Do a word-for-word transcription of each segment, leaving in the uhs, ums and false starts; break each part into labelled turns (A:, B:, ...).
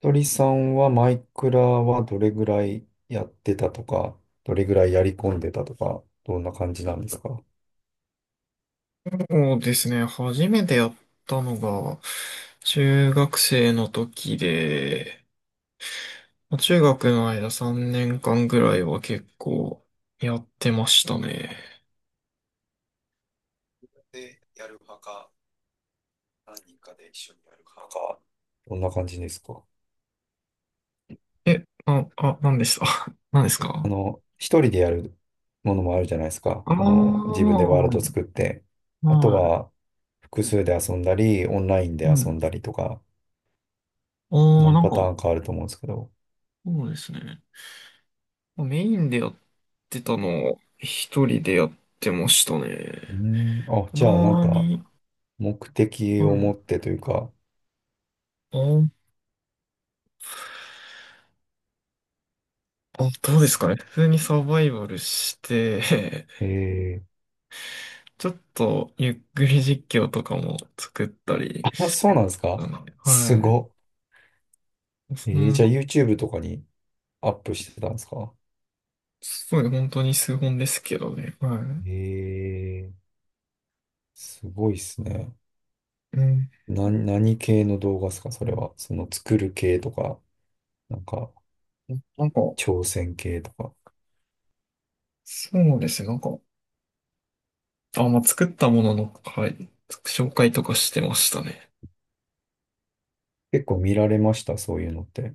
A: 鳥さんはマイクラはどれぐらいやってたとか、どれぐらいやり込んでたとか、どんな感じなんですか？
B: そうですね。初めてやったのが、中学生の時で、中学の間さんねんかんぐらいは結構やってましたね。
A: でやる派か、何人かで一緒にやる派か、どんな感じですか？
B: え、あ、あ、何でした 何です
A: あ
B: か。
A: の、一人でやるものもあるじゃないですか。
B: ああ
A: この
B: ー、
A: 自分でワールド作って。あと
B: はい。
A: は複数で遊んだり、オンラインで
B: う
A: 遊
B: ん。
A: んだりとか、
B: ああ、
A: 何
B: なん
A: パタ
B: か、
A: ーンかあると思うんですけど。
B: そうですね。メインでやってたのを一人でやってましたね。
A: うーん、あ、
B: た
A: じゃあなん
B: ま
A: か
B: に、
A: 目的
B: は
A: を
B: い。
A: 持ってというか、
B: あーあ、どうですかね。普通にサバイバルして、
A: え、
B: ちょっとゆっくり実況とかも作ったり
A: あ、
B: し
A: そ
B: て
A: うなんですか？
B: た。な
A: す
B: は
A: ごっ。
B: い。
A: え
B: そ
A: ー、
B: ん
A: じゃ
B: な、
A: あ YouTube とかにアップしてたんですか？
B: すごい本当に数本ですけどね、は
A: えー、すごいっすね。
B: い。うん。
A: な、何系の動画ですかそれは。その作る系とか、なんか
B: なんか、
A: 挑戦系とか。
B: そうですね、なんか、あ、まあ、作ったものの、はい、紹介とかしてましたね。
A: 結構見られました、そういうのって。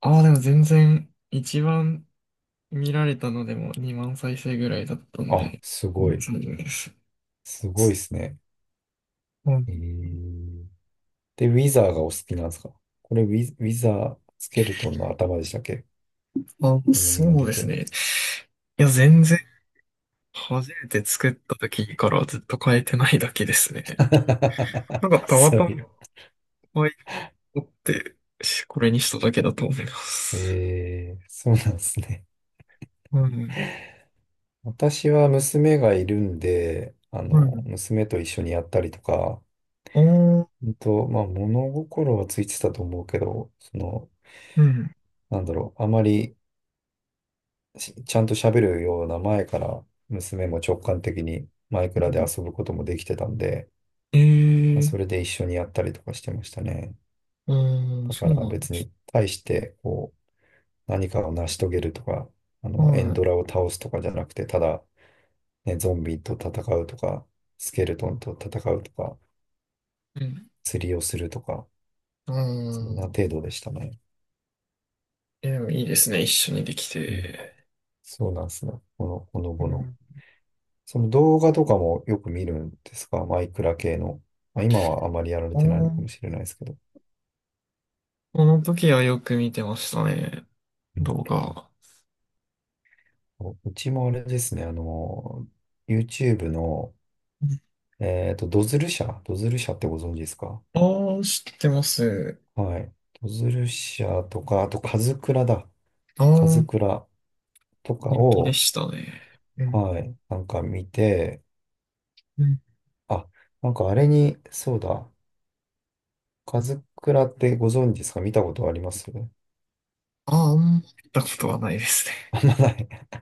B: ああ、でも全然、一番見られたのでもにまん再生ぐらいだったん
A: あ、
B: で、
A: す
B: う
A: ご
B: ん、
A: い。
B: そうです。
A: すごいっすね。
B: うん。
A: えー、で、ウィザーがお好きなんですか？これウィ、ウィザースケルトンの頭でしたっけ？
B: あ、
A: この今
B: そう
A: 出
B: で
A: て
B: す
A: るの。
B: ね。いや、全然初めて作った時からずっと変えてないだけですね。なんかたま
A: そう
B: た
A: いう。
B: ま可愛いと思って、しこれにしただけだと思います。
A: えー、そうなんですね。
B: うん。
A: 私は娘がいるんで、あ
B: う
A: の、
B: ん。
A: 娘と一緒にやったりとか、
B: おー、
A: うんと、まあ、物心はついてたと思うけど、その、
B: うん。
A: なんだろう、あまりしちゃんと喋るような前から、娘も直感的にマイク
B: う
A: ラで
B: ん。
A: 遊ぶこともできてたんで、
B: え
A: まあそ
B: ー、
A: れで一緒にやったりとかしてましたね。
B: うん、
A: だか
B: そう
A: ら
B: なんで
A: 別
B: す。
A: に対して、こう、何かを成し遂げるとか、あの、エン
B: は
A: ドラを倒すとかじゃなくて、ただ、ね、ゾンビと戦うとか、スケルトンと戦うとか、
B: い。うん。
A: 釣りをするとか、
B: う
A: そんな
B: ん。
A: 程度でしたね。
B: え、でもいいですね。一緒にでき
A: うん。
B: て。
A: そうなんですね。この、この
B: う
A: ぼの。
B: ん。
A: その動画とかもよく見るんですかマイクラ系の。まあ、今はあまりやられてない
B: お
A: のか
B: ー、
A: もしれないですけど。
B: この時はよく見てましたね。
A: うん。
B: 動画。
A: うちもあれですね、あの、YouTube の、
B: うん。
A: えっと、ドズル社、ドズル社ってご存知ですか？
B: あー、知ってます。
A: はい。ドズル社とか、あと、カズクラだ。
B: あ
A: カズ
B: ー、
A: クラとか
B: 人気で
A: を、
B: したね。うん。
A: はい、なんか見て、
B: うん。
A: あ、なんかあれに、そうだ、カズクラってご存知ですか？見たことあります？
B: ああ、行ったことはないですね。
A: あんまない。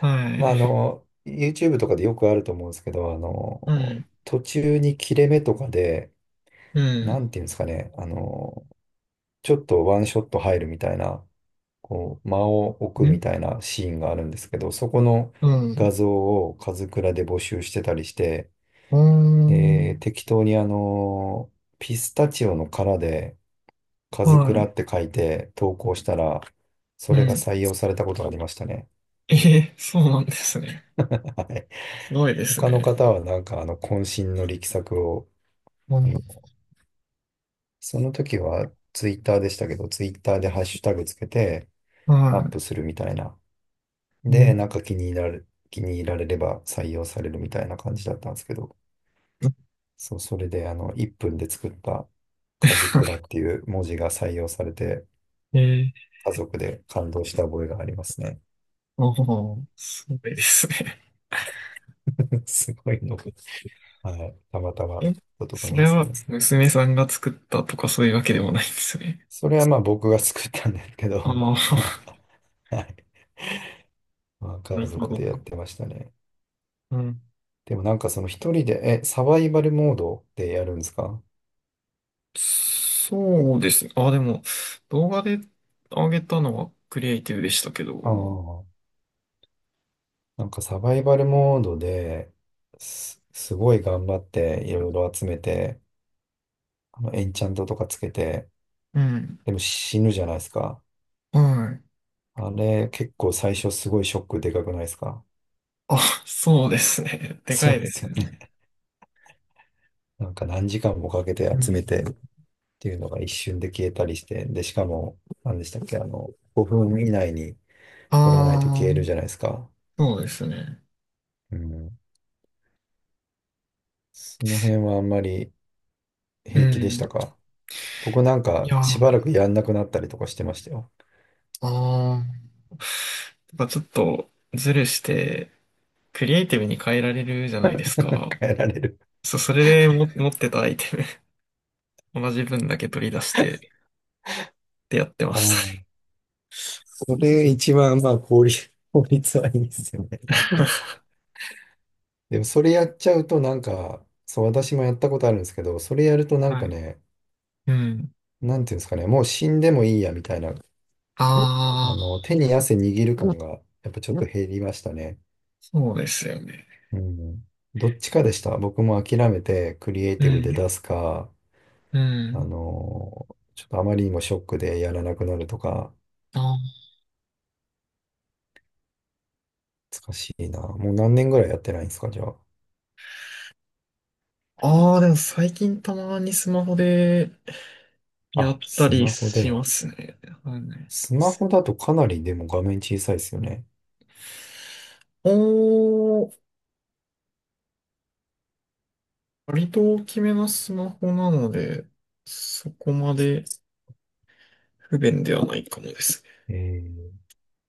B: はい。
A: まあ、あの、YouTube とかでよくあると思うんですけど、あ
B: うん。
A: の、途中に切れ目とかで、
B: う
A: な
B: ん。
A: んていうんですかね、あの、ちょっとワンショット入るみたいな、こう、間を置く
B: ん。
A: みたいなシーンがあるんですけど、そこの
B: う
A: 画
B: ん。
A: 像をカズクラで募集してたりして、
B: うん。うー
A: で、
B: ん。
A: 適当にあの、ピスタチオの殻で、カズク
B: は
A: ラっ
B: い。
A: て書いて投稿したら、そ
B: う
A: れが
B: ん。
A: 採用されたことがありましたね。
B: えー、そうなんですね。
A: はい。
B: すごいです
A: 他の
B: ね。
A: 方はなんかあの渾身の力作を、
B: う
A: あ
B: ん。
A: の、その時はツイッターでしたけど、ツイッターでハッシュタグつけてアッ
B: は
A: プするみたいな。
B: い。うん。
A: で、なんか気に入られ、気に入られれば採用されるみたいな感じだったんですけど、そう、それであのいっぷんで作ったカズクラ っていう文字が採用されて、
B: ええ、
A: 家族で感動した覚えがありますね。
B: おー、すごいですね。
A: すごいの。はい、たまたま
B: え、
A: だと思
B: そ
A: い
B: れ
A: ます
B: は
A: けど。
B: 娘さんが作ったとかそういうわけでもないんですね。
A: それはまあ僕が作ったんですけ
B: あ
A: ど、
B: あ、
A: まあ、はい。まあ
B: な
A: 家
B: るほ
A: 族でやっ
B: ど。
A: てましたね。
B: うん。
A: でもなんかその一人で、え、サバイバルモードでやるんですか？
B: そうですね。あ、でも、動画で上げたのはクリエイティブでしたけど
A: ああ
B: も。
A: ー、なんかサバイバルモードで、す、すごい頑張っていろいろ集めて、あのエンチャントとかつけて、
B: うん。
A: でも死ぬじゃないですか。
B: はい。
A: あれ結構最初すごいショックでかくないですか？
B: あ、そうですね。でか
A: そ
B: い
A: うで
B: です
A: す
B: よ
A: よね。
B: ね。
A: なんか何時間もかけ
B: う
A: て集
B: ん。
A: めてていうのが一瞬で消えたりして、で、しかも、何でしたっけ、あの、ごふん以内に取らないと
B: ああ、
A: 消えるじゃないですか。
B: そうですね。
A: うん。その辺はあんまり
B: う
A: 平気でし
B: ん。
A: た
B: い
A: か？僕なんか
B: や、
A: し
B: あ
A: ばらくやんなくなったりとかしてましたよ。
B: あ、やっぱちょっとズルして、クリエイティブに変えられるじゃないですか。
A: 変えられる。
B: そう、それでも持ってたアイテム、同じ分だけ取り出して、ってやってま
A: あ
B: し
A: あ、
B: たね。
A: それ一番、まあ、効率、効率はいいですよね。でもそれやっちゃうとなんか、そう、私もやったことあるんですけど、それやると なん
B: は
A: か
B: い。
A: ね、
B: うん。
A: なんていうんですかね、もう死んでもいいやみたいな、あ
B: あ
A: の、
B: あ、
A: 手に汗握る感がやっぱちょっと減りましたね。
B: そうですよね。
A: うん。どっちかでした。僕も諦めてクリエイ
B: う
A: ティブで
B: ん。
A: 出すか、
B: う
A: あ
B: ん。
A: のーちょっとあまりにもショックでやらなくなるとか、
B: あー、
A: 難しいな。もう何年ぐらいやってないんですか、じゃあ。
B: あー、でも最近たまにスマホで、やっ
A: あ、
B: た
A: ス
B: り
A: マホ
B: し
A: で。
B: ますね。はいね。
A: スマホだとかなりでも画面小さいですよね。
B: おー、割と大きめなスマホなので、そこまで不便ではないかもですね。
A: えー、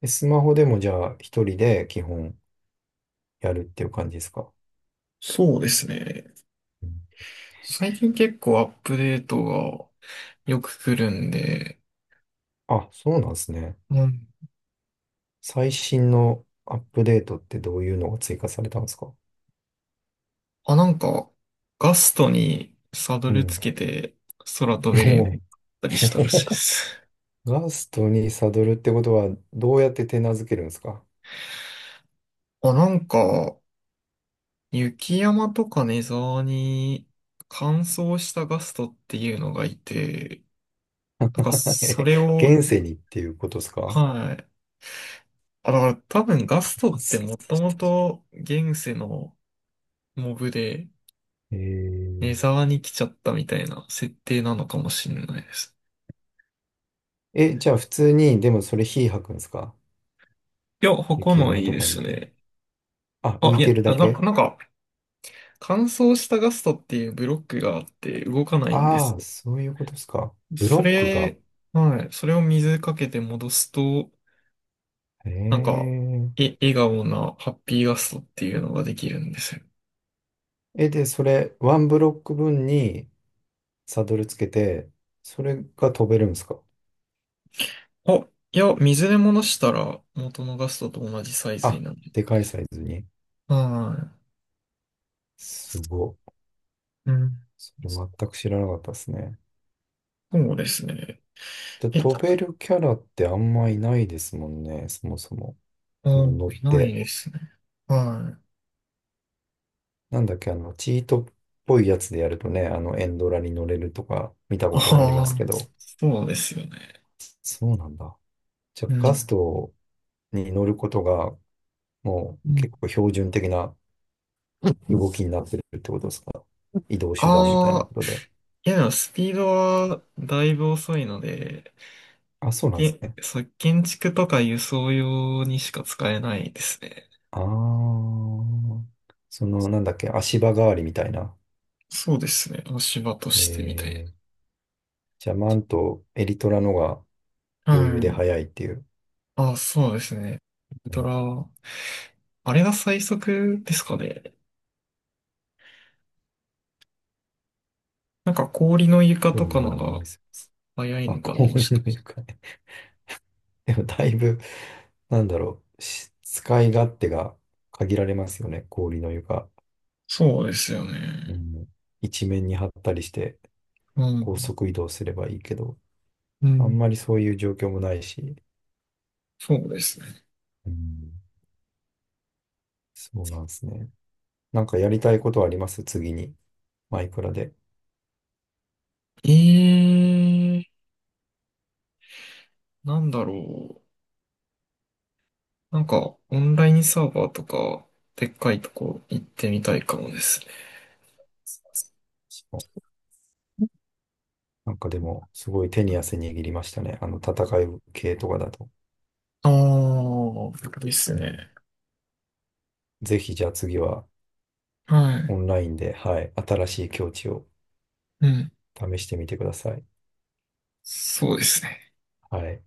A: えスマホでもじゃあ一人で基本やるっていう感じですか。
B: そうですね。
A: うん。
B: 最近結構アップデートがよく来るんで、
A: あ、そうなんですね。
B: うん。
A: 最新のアップデートってどういうのが追加されたんですか？
B: あ、なんか、ガストにサド
A: う
B: ルつ
A: ん。
B: けて空飛べるようになっ
A: も
B: た
A: う。
B: りしたらしいです。
A: ガストにサドルってことは、どうやって手なずけるんですか？
B: あ、なんか、雪山とかネザーに乾燥したガストっていうのがいて、なんか そ
A: え、
B: れを、
A: 現世にっていうことですか？
B: はい。あ、だから多分ガストって
A: す、
B: もともと現世のモブで
A: え
B: ネ
A: ー、
B: ザーに来ちゃったみたいな設定なのかもしれないです。
A: え、じゃあ普通に、でもそれ火吐くんですか？
B: いや、他
A: 雪
B: の
A: 山
B: いい
A: と
B: で
A: かに
B: す
A: いて。
B: ね。
A: あ、浮
B: あ、い
A: いて
B: や、
A: る
B: あ
A: だ
B: な、
A: け。
B: なんか乾燥したガストっていうブロックがあって動かないんで
A: あ
B: す
A: あ
B: よ。
A: そういうことですか。ブ
B: そ
A: ロックが。
B: れ、はい。それを水かけて戻すと、
A: え
B: なんか、
A: ー、
B: え、笑顔なハッピーガストっていうのができるんですよ。
A: え、で、それ、ワンブロック分にサドルつけて、それが飛べるんですか？
B: あ、いや、水で戻したら元のガストと同じサイズに
A: あ、
B: なる。
A: でかいサイズに。
B: は
A: すご。
B: い。うん。
A: それ全く知らなかったですね。
B: そうですね。
A: で、
B: え、
A: 飛べるキャラってあんまいないですもんね、そもそも。そ
B: あ、
A: の乗っ
B: いない
A: て。
B: ですね。はい。
A: なんだっけ、あの、チートっぽいやつでやるとね、あの、エンドラに乗れるとか見たことがありま
B: ああ、
A: すけど。
B: そうですよね。
A: そうなんだ。じゃあ、
B: う
A: ガス
B: ん。
A: トに乗ることが、もう
B: う
A: 結
B: ん。
A: 構標準的な動きになってるってことですか？移動手段みたいな
B: ああ、
A: ことで。
B: いやでもスピードはだいぶ遅いので、
A: あ、そうなんです
B: け、
A: ね。
B: そう建築とか輸送用にしか使えないですね。
A: ああ、その、なんだっけ、足場代わりみたいな。
B: そうですね。足場と
A: え
B: してみたいな。
A: ー、じゃあ、マント、エリトラのが、余裕
B: は
A: で
B: い。
A: 早いっていう。
B: あ、そうですね。ウル
A: う
B: ト
A: ん。
B: ラ、あれが最速ですかね。なんか氷の床
A: よ
B: と
A: うな
B: か
A: も
B: の
A: のない
B: が
A: です。
B: 早い
A: あ、
B: のかな、
A: 氷
B: もしか
A: の
B: して。
A: 床ね。でもだいぶ、なんだろう、し使い勝手が限られますよね、氷の床。
B: そうですよ
A: う
B: ね。
A: ん、一面に張ったりして、
B: う
A: 高
B: ん。
A: 速移動すればいいけど、
B: う
A: あん
B: ん。
A: まりそういう状況もないし、
B: そうですね。
A: うん、そうなんですね。なんかやりたいことはあります次に。マイクラで。
B: ええー、なんだろう。なんか、オンラインサーバーとか、でっかいとこ行ってみたいかもですね。
A: なんかでも、すごい手に汗握りましたね。あの、戦い系とかだと。
B: ああ、です
A: うん。
B: ね。
A: ぜひじゃあ次は
B: は
A: オ
B: い。
A: ンラインで、はい、新しい境地を
B: うん。
A: 試してみてください。
B: そうですね。
A: はい。